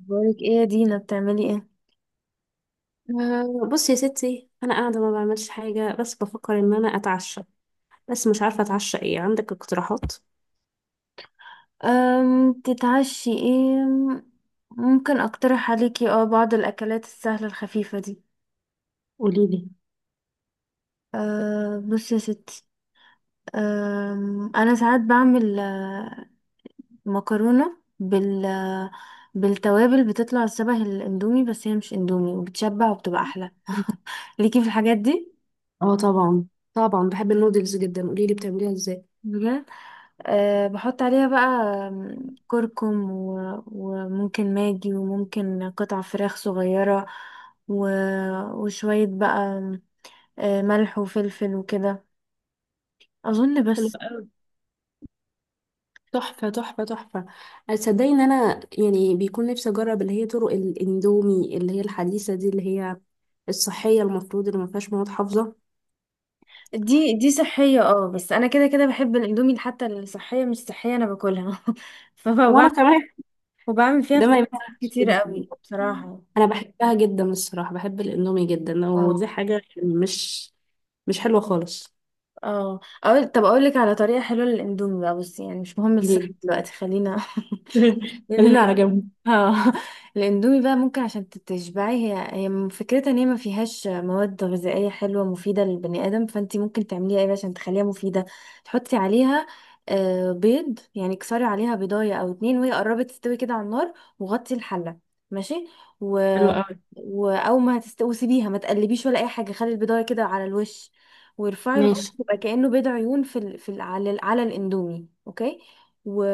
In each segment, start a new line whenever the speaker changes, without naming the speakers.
بقولك ايه، يا دينا، بتعملي ايه؟
أه، بصي يا ستي، انا قاعده ما بعملش حاجه، بس بفكر ان انا اتعشى. بس مش عارفه اتعشى ايه؟ عندك اقتراحات؟
تتعشي ايه؟ ممكن اقترح عليكي بعض الاكلات السهله الخفيفه دي.
قولي لي.
أه، بصي يا ستي. انا ساعات بعمل، مكرونه بالتوابل، بتطلع شبه الاندومي، بس هي مش اندومي وبتشبع وبتبقى احلى. ليكي في الحاجات دي؟
اه، طبعا طبعا بحب النودلز جدا. قولي لي بتعمليها ازاي؟
بجد. أه، بحط عليها بقى، آم، كركم، و- وممكن ماجي، وممكن قطع فراخ صغيرة، و... وشوية بقى، ملح وفلفل وكده. أظن
حلو
بس.
أوي. تحفه تحفه تحفه. تصدقي ان انا يعني بيكون نفسي اجرب اللي هي طرق الاندومي اللي هي الحديثه دي اللي هي الصحيه المفروض اللي ما فيهاش مواد حافظه.
دي صحية. اه بس أنا كده كده بحب الأندومي، حتى الصحية مش صحية أنا باكلها.
وانا
فبعمل
كمان.
وبعمل فيها
ده ما
افتكاسات
ينفعش
كتير
كده.
قوي بصراحة.
انا بحبها جدا الصراحه، بحب الاندومي جدا، ودي
اه
حاجه مش حلوه خالص.
اه. طب أقولك على طريقة حلوة للأندومي بقى، بصي، يعني مش مهم الصحة
جدا.
دلوقتي، خلينا.
خلينا على
لا.
جنب.
اه. الاندومي بقى، ممكن عشان تشبعي، هي هي فكرتها ان هي ما فيهاش مواد غذائيه حلوه مفيده للبني ادم، فانت ممكن تعمليها ايه بقى عشان تخليها مفيده. تحطي عليها بيض، يعني كسري عليها بيضايه او اتنين، وهي قربت تستوي كده على النار، وغطي الحله. ماشي. و...
حلو قوي.
او ما هتستوي، وسيبيها، ما تقلبيش ولا اي حاجه، خلي البيضايه كده على الوش، وارفعي الغطا،
ماشي.
تبقى كانه بيض عيون في ال... في ال... على ال... على الاندومي. اوكي. و...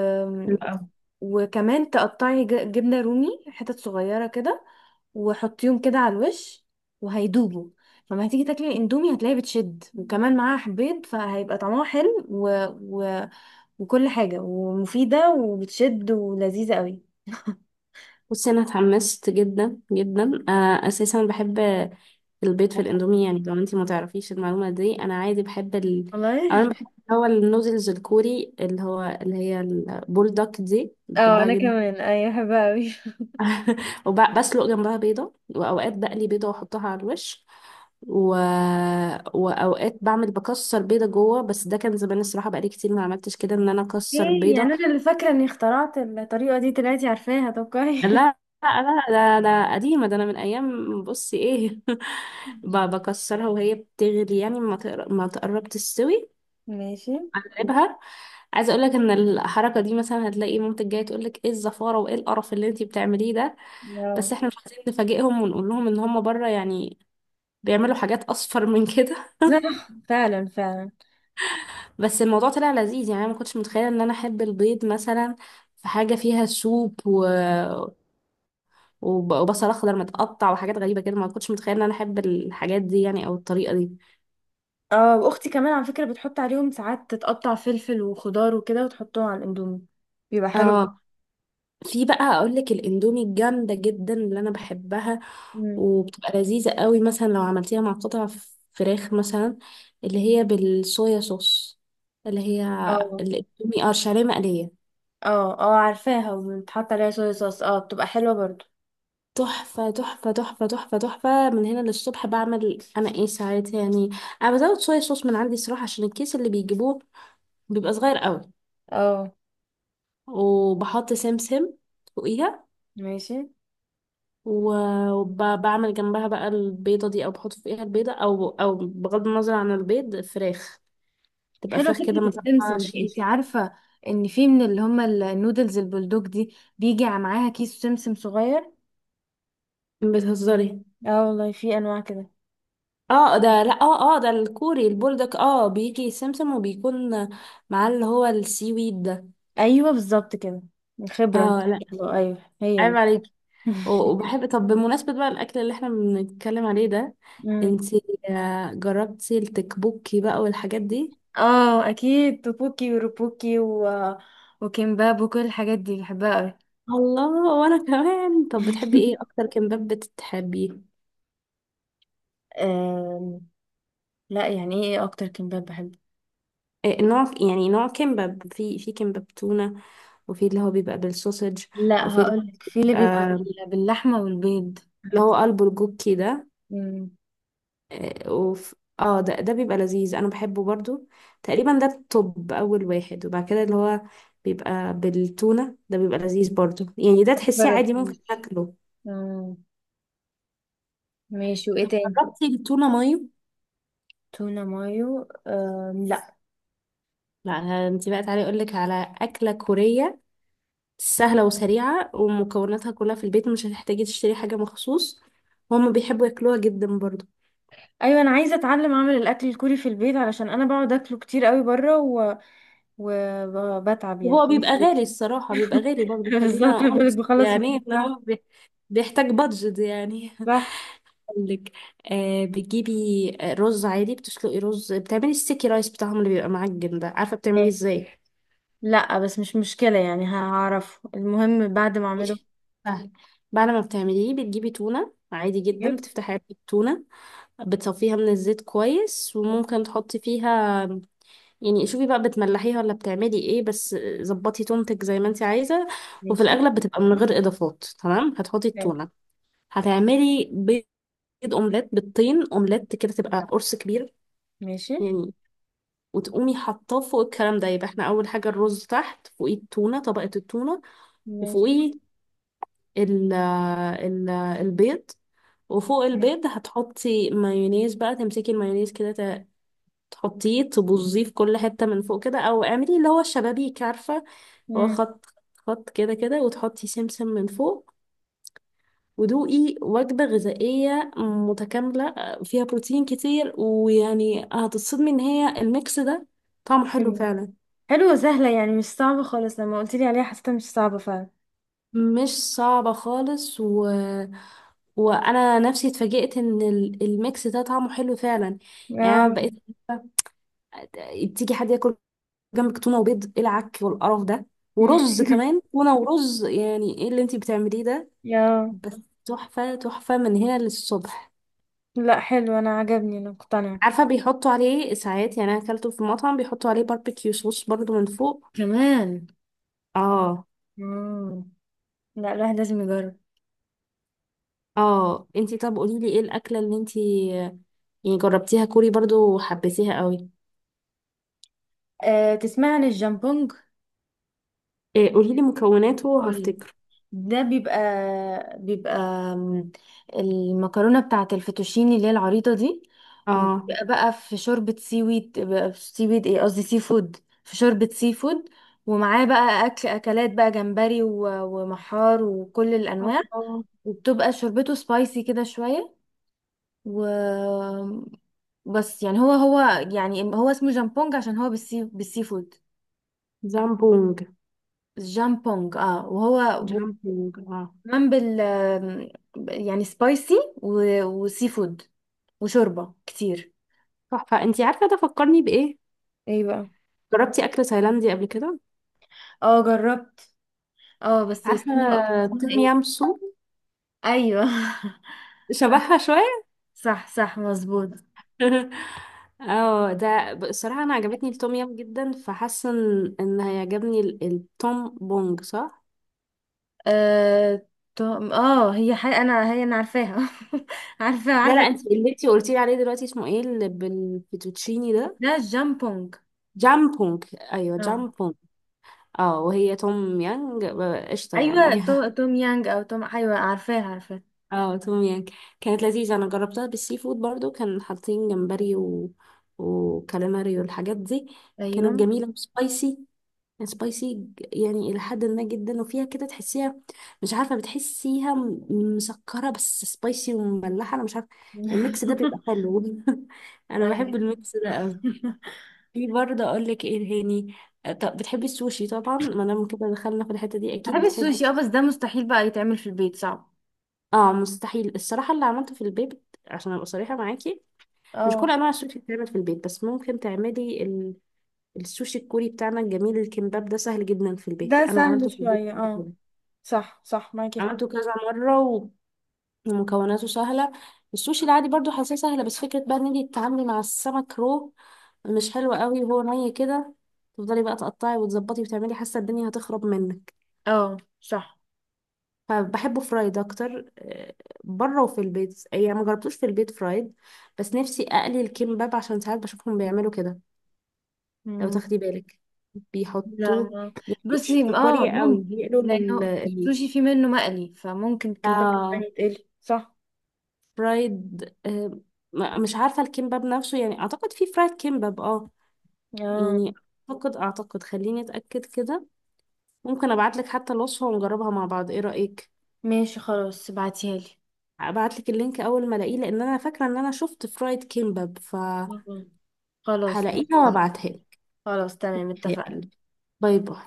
حلو قوي.
وكمان تقطعي جبنة رومي حتت صغيرة كده، وحطيهم كده على الوش وهيدوبوا. فما هتيجي تاكلي الاندومي، هتلاقيه بتشد، وكمان معاها بيض، فهيبقى طعمها حلو، و... وكل حاجة ومفيدة وبتشد ولذيذة قوي.
بصي، انا اتحمست جدا جدا. انا اساسا بحب البيض في الاندومي، يعني لو انتي ما تعرفيش المعلومه دي، انا عادي بحب
والله.
اولا بحب اللي هو النودلز الكوري، اللي هي البولدك دي،
اه
بحبها
انا
جدا.
كمان، ايوه بحبها اوي.
وبسلق جنبها بيضة، وأوقات بقلي بيضة وأحطها على الوش. و... وأوقات بكسر بيضة جوه، بس ده كان زمان الصراحة، بقالي كتير ما عملتش كده إن أنا أكسر
ايه
بيضة.
يعني، انا اللي فاكرة اني اخترعت الطريقة دي، طلعتي عارفاها، طب كويس.
لا لا لا، ده قديمة، ده أنا من أيام. بصي إيه. بكسرها وهي بتغلي، يعني ما تقرب تستوي،
ماشي.
أقلبها. عايزة أقولك إن الحركة دي مثلا هتلاقي مامتك جاية تقولك إيه الزفارة وإيه القرف اللي أنتي بتعمليه ده.
لا.
بس إحنا مش عايزين نفاجئهم ونقول لهم إن هم بره يعني بيعملوا حاجات اصفر من كده.
صح، فعلا فعلا.
بس الموضوع طلع لذيذ يعني، انا ما كنتش متخيله ان انا احب البيض مثلا في حاجه فيها سوب، وبصل اخضر متقطع وحاجات غريبه كده، ما كنتش متخيله ان انا احب الحاجات دي يعني، او الطريقه دي.
اه، واختي كمان على فكرة بتحط عليهم ساعات، تتقطع فلفل وخضار وكده وتحطهم على الاندومي، بيبقى حلو.
اه. في بقى اقول لك الاندومي الجامده جدا اللي انا بحبها،
مم.
وبتبقى لذيذه قوي مثلا لو عملتيها مع قطع فراخ مثلا، اللي هي بالصويا صوص، اللي هي
اه
الاندومي، اه الشعريه مقليه.
اه اه، عارفاها، وبتحط عليها صويا صوص، اه بتبقى حلوة برضو.
تحفة تحفة تحفة تحفة تحفة من هنا للصبح. بعمل أنا إيه ساعات يعني، أنا بزود شوية صوص من عندي صراحة عشان الكيس اللي بيجيبوه بيبقى صغير قوي،
اه
وبحط سمسم فوقيها،
ماشي.
وبعمل جنبها بقى البيضة دي، أو بحط فوقيها البيضة، أو بغض النظر عن البيض، فراخ تبقى
حلوة
فراخ كده
فكرة،
متقطعة
السمسم دي. انت
شيش.
عارفة ان في من اللي هما النودلز البلدوج دي، بيجي معاها كيس سمسم صغير.
بتهزري؟
اه والله، في انواع كده.
اه، ده لا، اه اه ده الكوري البولدك، اه بيجي سمسم وبيكون معاه اللي هو السي ويد ده.
ايوه بالظبط كده. خبرة إن
اه، لا.
شاء الله. ايوه، هي
عيب
دي.
عليك. وبحب. طب بمناسبة بقى الأكل اللي احنا بنتكلم عليه ده،
مم.
انتي جربتي التكبوكي بقى والحاجات دي؟
اه اكيد، توبوكي وروبوكي، و... وكيمباب وكل الحاجات دي بحبها قوي.
الله، وانا كمان. طب بتحبي ايه اكتر كمباب بتحبيه؟
أم... لا، يعني ايه اكتر كمباب بحبه؟
إيه نوع، يعني نوع كمباب، في كمباب تونة، وفي اللي هو بيبقى بالسوسج،
لا
وفي اللي
هقولك، في اللي
بيبقى
بيبقى باللحمة والبيض.
اللي هو قلبه الجوكي ده.
امم
آه، وف... اه، ده بيبقى لذيذ انا بحبه برضو، تقريبا ده، الطب، اول واحد. وبعد كده اللي هو بيبقى بالتونة ده بيبقى لذيذ برضو يعني، ده تحسيه عادي ممكن
مجربتوش.
اكله.
مم. ماشي، وايه
طب
تاني؟
جربتي التونة مايو؟
تونة مايو؟ لا.
لا. انت بقى تعالي اقول لك على أكلة كورية سهلة وسريعة، ومكوناتها كلها في البيت، مش هتحتاجي تشتري حاجة مخصوص، وهم بيحبوا ياكلوها جدا برضو.
ايوه، انا عايزه اتعلم اعمل الاكل الكوري في البيت، علشان انا بقعد اكله كتير قوي بره، و... وبتعب يعني،
وهو بيبقى
خلاص
غالي
فلوس.
الصراحة، بيبقى غالي برضو،
بالظبط،
خلينا
بالك
honest،
بخلص فلوس.
يعني ان
صح
هو بيحتاج بادجت يعني.
صح.
لك، بتجيبي رز عادي، بتسلقي رز، بتعملي السيكي رايس بتاعهم اللي بيبقى معجن ده، عارفه بتعمليه
ماشي،
ازاي؟
لا بس مش مشكلة، يعني هعرف، المهم بعد ما اعمله
ماشي. سهل. بعد ما بتعمليه بتجيبي تونه عادي جدا،
كتير.
بتفتحي علبه التونه، بتصفيها من الزيت كويس، وممكن تحطي فيها يعني، شوفي بقى بتملحيها ولا بتعملي ايه، بس ظبطي تونتك زي ما انت عايزه. وفي
ماشي.
الاغلب بتبقى من غير اضافات. تمام، هتحطي
حلو.
التونه، هتعملي بيض اومليت بالطين، اومليت كده تبقى قرص كبير
ماشي
يعني، وتقومي حاطاه فوق الكلام ده. يبقى احنا اول حاجه الرز تحت، فوقيه التونه طبقه التونه،
ماشي.
وفوقيه ال البيض، وفوق
حلو.
البيض هتحطي مايونيز بقى، تمسكي المايونيز كده تحطيه تبوظيه في كل حته من فوق كده، او اعملي اللي هو الشبابيك عارفه، هو
مم.
خط خط كده كده، وتحطي سمسم من فوق، ودوقي وجبة غذائية متكاملة فيها بروتين كتير، ويعني هتتصدمي ان هي الميكس ده طعمه حلو
حلو.
فعلا.
حلوة، سهلة، يعني مش صعبة خالص، لما قلت لي عليها حسيتها مش صعبة فعلا.
مش صعبة خالص. وأنا نفسي اتفاجئت إن الميكس ده طعمه حلو فعلا. يعني أنا
اه.
بقيت تيجي حد ياكل جنبك تونة وبيض، إيه العك والقرف ده؟ ورز كمان، تونة ورز يعني، إيه اللي أنتي بتعمليه ده؟
يا.
بس تحفة تحفة من هنا للصبح.
لا، حلو، انا عجبني، انا مقتنعة.
عارفة بيحطوا عليه ساعات، يعني أنا أكلته في مطعم بيحطوا عليه باربيكيو صوص برضو من فوق.
كمان.
اه.
مم. لا، الواحد لازم يجرب.
اه، انتي طب قوليلي ايه الأكلة اللي انتي يعني جربتيها كوري برضو وحبيتيها قوي؟
أه، تسمع عن الجامبونج؟
إيه، قولي لي مكوناته
قولي.
وهفتكر.
ده بيبقى بيبقى م- المكرونة بتاعة الفيتوشيني اللي هي العريضة دي،
اه.
وبيبقى بقى في شوربة سي ويد، بقى في سي ويد، ايه قصدي، سي فود. في شوربة سي فود، ومعاه بقى أكلات بقى جمبري، و- ومحار وكل الأنواع،
الله.
وبتبقى شوربته سبايسي كده شوية. و، بس يعني هو هو، يعني هو اسمه جامبونج عشان هو بالسي فود.
جامبونج.
جامبونج اه. وهو
جامبونج، اه.
كمان يعني سبايسي، و... وسي فود، وشوربة كتير.
تحفة، انتي عارفة ده فكرني بإيه؟
ايه بقى؟
جربتي أكل تايلاندي قبل كده؟
اه جربت. اه بس
عارفة
استني بقى، اسمها
توم
ايه؟
يام سوب؟
ايوه.
شبهها شوية.
صح صح، مظبوط.
اه، ده بصراحة أنا عجبتني التوم يام جدا، فحاسة إن هيعجبني التوم بونج، صح؟
اه تو- اه هي حي... انا هي انا عارفاها. عارفه
لا لا،
عارفه.
انتي اللي انتي قلتيلي عليه دلوقتي اسمه ايه اللي بالفيتوتشيني ده؟
ده جامبونج
جامبونج. ايوه
اه.
جامبونج. اه، وهي توم يانج، قشطة
ايوه،
يعني.
توم يانج، او توم ايوه عارفاها عارفاها.
اه توم يانج كانت لذيذة، انا جربتها بالسي فود برضو، كان حاطين جمبري وكاليماري والحاجات دي.
ايوه.
كانت جميلة وسبايسي، سبايسي يعني إلى حد ما جدا، وفيها كده تحسيها، مش عارفة، بتحسيها مسكرة بس سبايسي ومملحة، أنا مش عارفة. الميكس ده بيبقى حلو. أنا بحب
ايوه.
الميكس ده أوي. في برضه أقول لك إيه هاني، طب بتحبي السوشي طبعا ما دام كده دخلنا في الحتة دي، أكيد
بحب
بتحبي
السوشي اه،
السوشي.
بس ده مستحيل بقى يتعمل في البيت، صعب.
اه، مستحيل الصراحة اللي عملته في البيت، عشان ابقى صريحة معاكي، مش كل
اه،
انواع السوشي بتتعمل في البيت، بس ممكن تعملي السوشي الكوري بتاعنا الجميل، الكمباب ده سهل جدا في البيت،
ده
انا
سهل
عملته في البيت
شوية
قبل
اه.
كده،
صح صح، معاكي حق.
عملته كذا مره، ومكوناته سهله. السوشي العادي برضو حاساه سهله، بس فكره بقى ان انتي تتعاملي مع السمك رو مش حلوه قوي، وهو ني كده، تفضلي بقى تقطعي وتظبطي وتعملي، حاسه الدنيا هتخرب منك.
اه صح.
فبحبه فرايد اكتر بره، وفي البيت يعني ما جربتوش في البيت فرايد، بس نفسي اقلي الكمباب عشان ساعات بشوفهم بيعملوا كده، لو
مم.
تاخدي بالك
لا
بيحطوه،
ما،
مش
بصي
في
اه،
كوريا قوي
ممكن.
بيقلوا
لانه السوشي في منه مقلي، فممكن كان بقى
آه
يعني تقلي، صح.
فرايد، مش عارفة الكيمباب نفسه يعني، أعتقد في فرايد كيمباب اه.
اه
يعني أعتقد خليني أتأكد كده، ممكن أبعتلك حتى الوصفة ونجربها مع بعض، إيه رأيك؟
ماشي، خلاص ابعتيها لي.
هبعتلك اللينك أول ما ألاقيه لأن أنا فاكرة إن أنا شفت فرايد كيمباب، فهلاقيها
مم. خلاص.
وأبعتها لك.
خلاص تمام، اتفقنا.
يلا، باي باي.